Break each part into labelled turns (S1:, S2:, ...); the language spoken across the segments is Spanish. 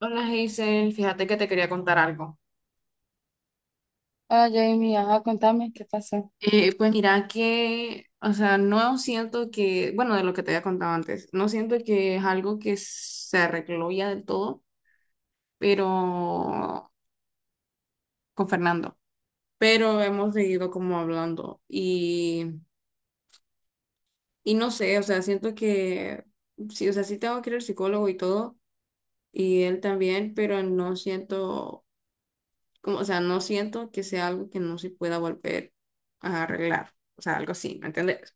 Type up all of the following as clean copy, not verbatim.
S1: Hola Hazel, fíjate que te quería contar algo.
S2: Ah, Jamie, ajá, contame qué pasó.
S1: Pues mira que, o sea, no siento que, bueno, de lo que te había contado antes, no siento que es algo que se arregló ya del todo, pero con Fernando, pero hemos seguido como hablando y no sé, o sea, siento que, sí, o sea, sí tengo que ir al psicólogo y todo, y él también, pero no siento, como, o sea, no siento que sea algo que no se pueda volver a arreglar, o sea, algo así, ¿me entiendes?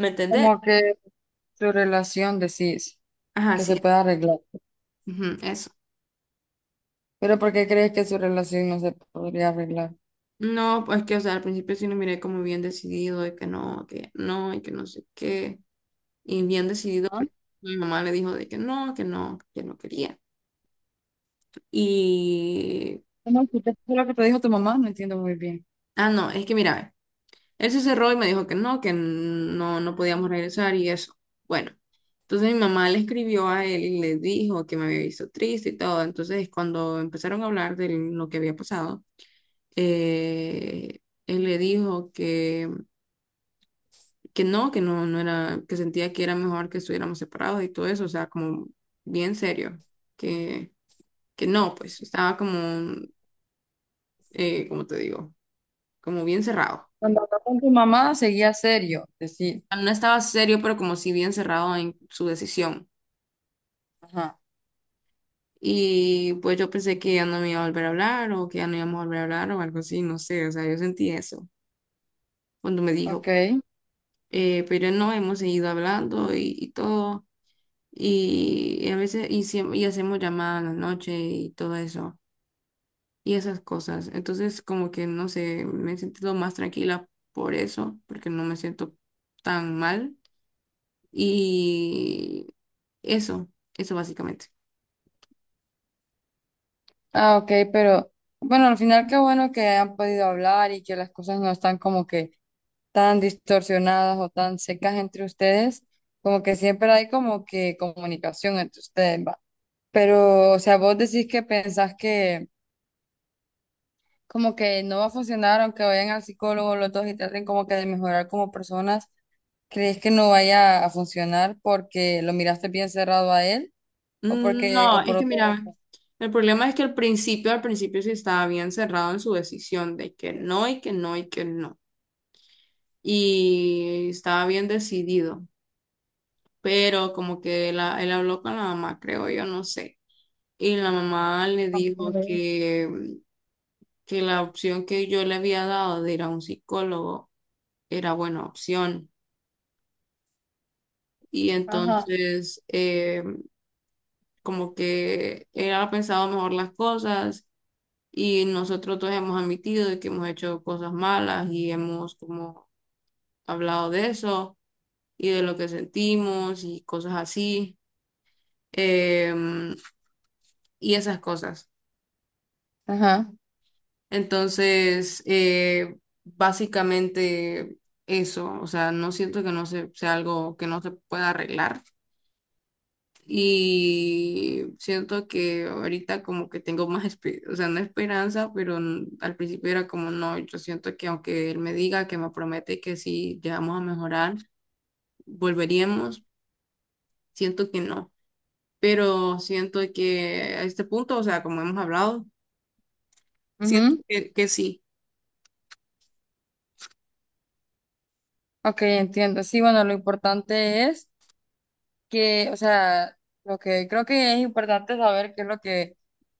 S1: ¿Me entendés?
S2: Como que su relación decís
S1: Ajá,
S2: que se
S1: sí.
S2: puede arreglar.
S1: Ujú, eso.
S2: Pero ¿por qué crees que su relación no se podría arreglar?
S1: No, pues que, o sea, al principio sí lo miré como bien decidido de que no, y que no sé qué. Y bien decidido,
S2: Ah,
S1: porque mi mamá le dijo de que no, que no, que no quería. Y,
S2: no, lo que te dijo tu mamá? No entiendo muy bien.
S1: ah, no, es que mira, ve, él se cerró y me dijo que no, no podíamos regresar y eso. Bueno, entonces mi mamá le escribió a él y le dijo que me había visto triste y todo. Entonces, cuando empezaron a hablar de lo que había pasado, eh, él le dijo que no, no era, que sentía que era mejor que estuviéramos separados y todo eso, o sea, como bien serio, que, que no, pues estaba como, como te digo, como bien cerrado.
S2: Cuando habló con tu mamá seguía serio, decís.
S1: Bueno, no estaba serio, pero como si bien cerrado en su decisión.
S2: Ajá,
S1: Y pues yo pensé que ya no me iba a volver a hablar o que ya no íbamos a volver a hablar o algo así, no sé, o sea, yo sentí eso cuando me dijo,
S2: ok.
S1: pero no, hemos seguido hablando y todo. Y a veces, y, y hacemos llamadas en la noche y todo eso, y esas cosas. Entonces, como que no sé, me he sentido más tranquila por eso, porque no me siento tan mal. Y eso, eso básicamente.
S2: Ah, ok, pero bueno, al final qué bueno que han podido hablar y que las cosas no están como que tan distorsionadas o tan secas entre ustedes. Como que siempre hay como que comunicación entre ustedes, ¿va? Pero, o sea, vos decís que pensás que como que no va a funcionar, aunque vayan al psicólogo los dos y traten como que de mejorar como personas, ¿crees que no vaya a funcionar porque lo miraste bien cerrado a él o
S1: Mm,
S2: porque
S1: no,
S2: o
S1: es
S2: por
S1: que
S2: otra
S1: mira, el problema es que al principio sí estaba bien cerrado en su decisión de que no y que no y que no. Y estaba bien decidido, pero como que él habló con la mamá, creo yo, no sé. Y la mamá le dijo
S2: razón?
S1: que la opción que yo le había dado de ir a un psicólogo era buena opción. Y
S2: Ajá.
S1: entonces, como que él ha pensado mejor las cosas y nosotros todos hemos admitido de que hemos hecho cosas malas y hemos como hablado de eso y de lo que sentimos y cosas así, em, y esas cosas.
S2: Ajá.
S1: Entonces, básicamente eso, o sea, no siento que no se, sea algo que no se pueda arreglar y siento que ahorita como que tengo más, o sea, no esperanza, pero al principio era como no, yo siento que aunque él me diga que me promete que si llegamos a mejorar, volveríamos, siento que no, pero siento que a este punto, o sea, como hemos hablado, siento
S2: Ujú.
S1: que sí,
S2: Ok, entiendo. Sí, bueno, lo importante es que, o sea, lo que creo que es importante saber qué es lo que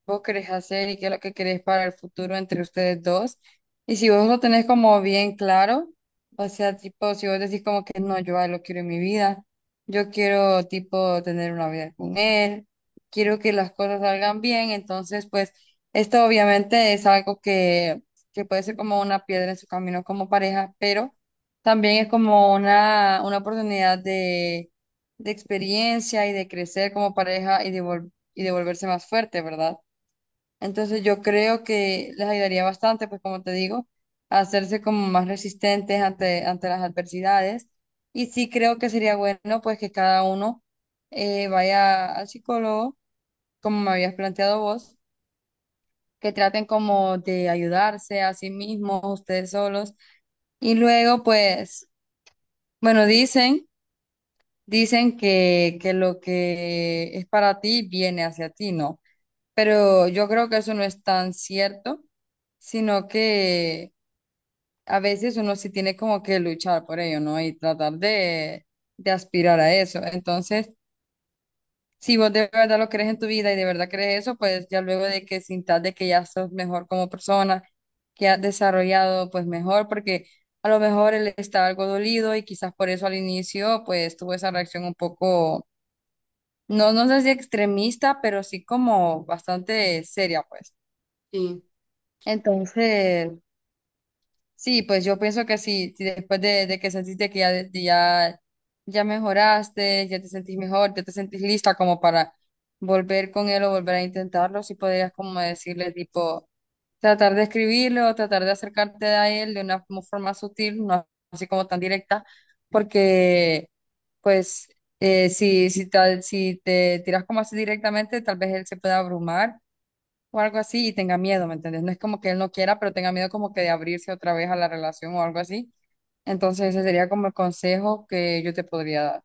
S2: vos querés hacer y qué es lo que querés para el futuro entre ustedes dos. Y si vos lo tenés como bien claro, o sea, tipo, si vos decís como que no, yo a él lo quiero en mi vida, yo quiero, tipo, tener una vida con él, quiero que las cosas salgan bien, entonces, pues, esto obviamente es algo que puede ser como una piedra en su camino como pareja, pero también es como una oportunidad de experiencia y de crecer como pareja y de, y de volverse más fuerte, ¿verdad? Entonces yo creo que les ayudaría bastante, pues como te digo, a hacerse como más resistentes ante, ante las adversidades. Y sí creo que sería bueno, pues que cada uno vaya al psicólogo, como me habías planteado vos, que traten como de ayudarse a sí mismos, ustedes solos. Y luego, pues, bueno, dicen que lo que es para ti viene hacia ti, ¿no? Pero yo creo que eso no es tan cierto, sino que a veces uno sí tiene como que luchar por ello, ¿no? Y tratar de aspirar a eso. Entonces, si vos de verdad lo crees en tu vida y de verdad crees eso, pues ya luego de que sintas de que ya sos mejor como persona, que has desarrollado pues mejor, porque a lo mejor él está algo dolido y quizás por eso al inicio pues tuvo esa reacción un poco no, no sé si extremista, pero sí como bastante seria, pues.
S1: sí.
S2: Entonces, sí, pues yo pienso que sí, si después de que sentiste que ya, ya, ya mejoraste, ya te sentís mejor, ya te sentís lista como para volver con él o volver a intentarlo, sí podrías como decirle tipo... Tratar de escribirlo, tratar de acercarte a él de una forma sutil, no así como tan directa, porque pues si, si te tiras como así directamente, tal vez él se pueda abrumar o algo así y tenga miedo, ¿me entiendes? No es como que él no quiera, pero tenga miedo como que de abrirse otra vez a la relación o algo así. Entonces ese sería como el consejo que yo te podría dar.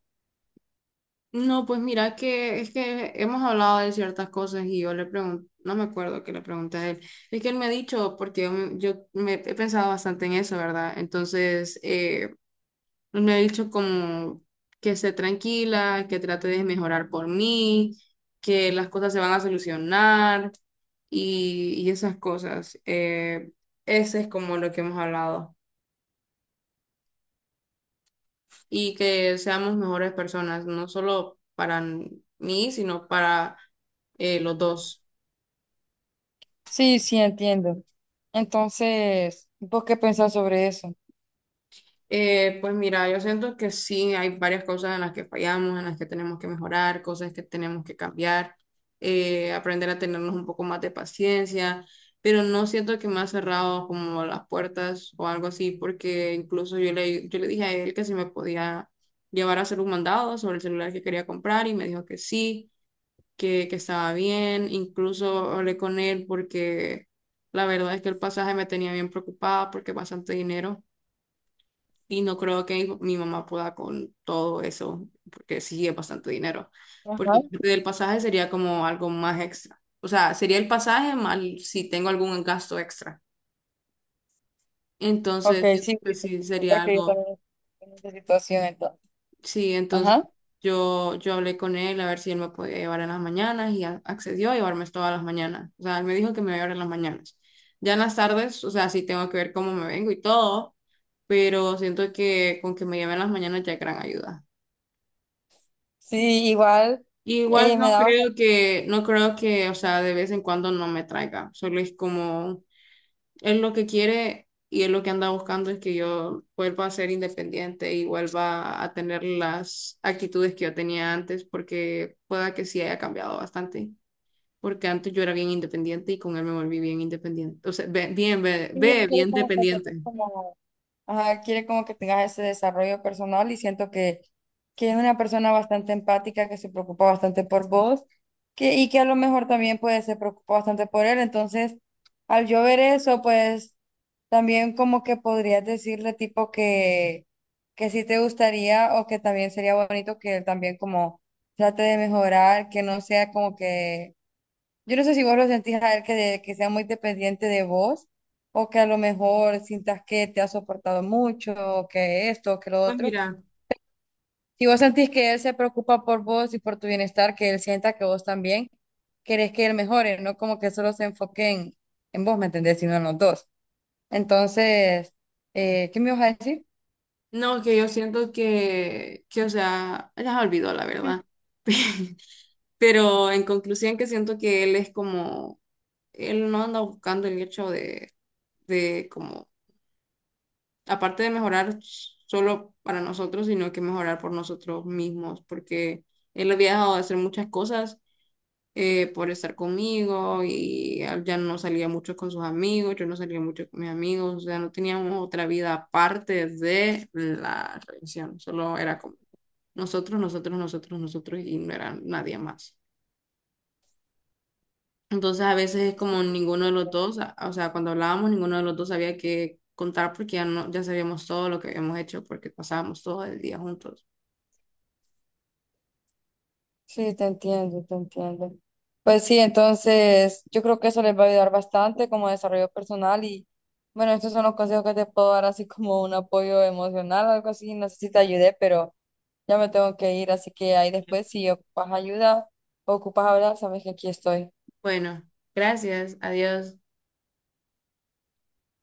S1: No, pues mira que es que hemos hablado de ciertas cosas y yo le pregunto, no me acuerdo que le pregunté a él, es que él me ha dicho, porque yo me he pensado bastante en eso, ¿verdad? Entonces, él me ha dicho como que esté tranquila, que trate de mejorar por mí, que las cosas se van a solucionar y esas cosas. Ese es como lo que hemos hablado, y que seamos mejores personas, no solo para mí, sino para los dos.
S2: Sí, sí, entiendo. Entonces, ¿vos qué pensás sobre eso?
S1: Pues mira, yo siento que sí, hay varias cosas en las que fallamos, en las que tenemos que mejorar, cosas que tenemos que cambiar, aprender a tenernos un poco más de paciencia, pero no siento que me ha cerrado como las puertas o algo así, porque yo le dije a él que si me podía llevar a hacer un mandado sobre el celular que quería comprar y me dijo que sí, que estaba bien. Incluso hablé con él porque la verdad es que el pasaje me tenía bien preocupada porque es bastante dinero y no creo que mi mamá pueda con todo eso porque sí es bastante dinero,
S2: Ajá.
S1: porque aparte del pasaje sería como algo más extra, o sea, sería el pasaje más si tengo algún gasto extra,
S2: Ok,
S1: entonces
S2: sí, sí,
S1: pues sí sería
S2: porque yo
S1: algo.
S2: también estoy en esa situación entonces.
S1: Sí, entonces
S2: Ajá.
S1: yo hablé con él a ver si él me podía llevar en las mañanas y accedió a llevarme todas las mañanas. O sea, él me dijo que me iba a llevar en las mañanas. Ya en las tardes, o sea, sí tengo que ver cómo me vengo y todo, pero siento que con que me lleven las mañanas ya es gran ayuda.
S2: Sí, igual
S1: Igual
S2: me
S1: no
S2: da bastante.
S1: creo que, no creo que, o sea, de vez en cuando no me traiga, solo es como... Él lo que quiere y él lo que anda buscando es que yo vuelva a ser independiente y vuelva a tener las actitudes que yo tenía antes, porque pueda que sí haya cambiado bastante, porque antes yo era bien independiente y con él me volví bien independiente, o sea, bien,
S2: Sí, hacer
S1: bien dependiente.
S2: como, ajá, quiere como que tengas ese desarrollo personal y siento que es una persona bastante empática, que se preocupa bastante por vos que, y que a lo mejor también pues se preocupa bastante por él. Entonces, al yo ver eso, pues también como que podrías decirle tipo que sí te gustaría o que también sería bonito que él también como trate de mejorar, que no sea como que yo no sé si vos lo sentís a él que, que sea muy dependiente de vos o que a lo mejor sientas que te ha soportado mucho, o que esto, o que lo
S1: Pues
S2: otro.
S1: mira,
S2: Si vos sentís que él se preocupa por vos y por tu bienestar, que él sienta que vos también querés que él mejore, no como que solo se enfoque en vos, ¿me entendés? Sino en los dos. Entonces, ¿qué me vas a decir?
S1: no, que yo siento que o sea, ya olvidó la verdad. Pero en conclusión que siento que él es como, él no anda buscando el hecho de como aparte de mejorar solo para nosotros, sino que mejorar por nosotros mismos, porque él había dejado de hacer muchas cosas por estar conmigo y ya no salía mucho con sus amigos, yo no salía mucho con mis amigos, o sea, no teníamos otra vida aparte de la relación, solo era como nosotros y no era nadie más. Entonces a veces es como ninguno de los dos, o sea, cuando hablábamos, ninguno de los dos sabía qué contar porque ya no, ya sabíamos todo lo que habíamos hecho porque pasábamos todo el día juntos.
S2: Sí, te entiendo, te entiendo. Pues sí, entonces yo creo que eso les va a ayudar bastante como desarrollo personal y bueno, estos son los consejos que te puedo dar así como un apoyo emocional, algo así, no sé si te ayudé, pero ya me tengo que ir, así que ahí después si ocupas ayuda o ocupas hablar, sabes que aquí estoy.
S1: Bueno, gracias, adiós.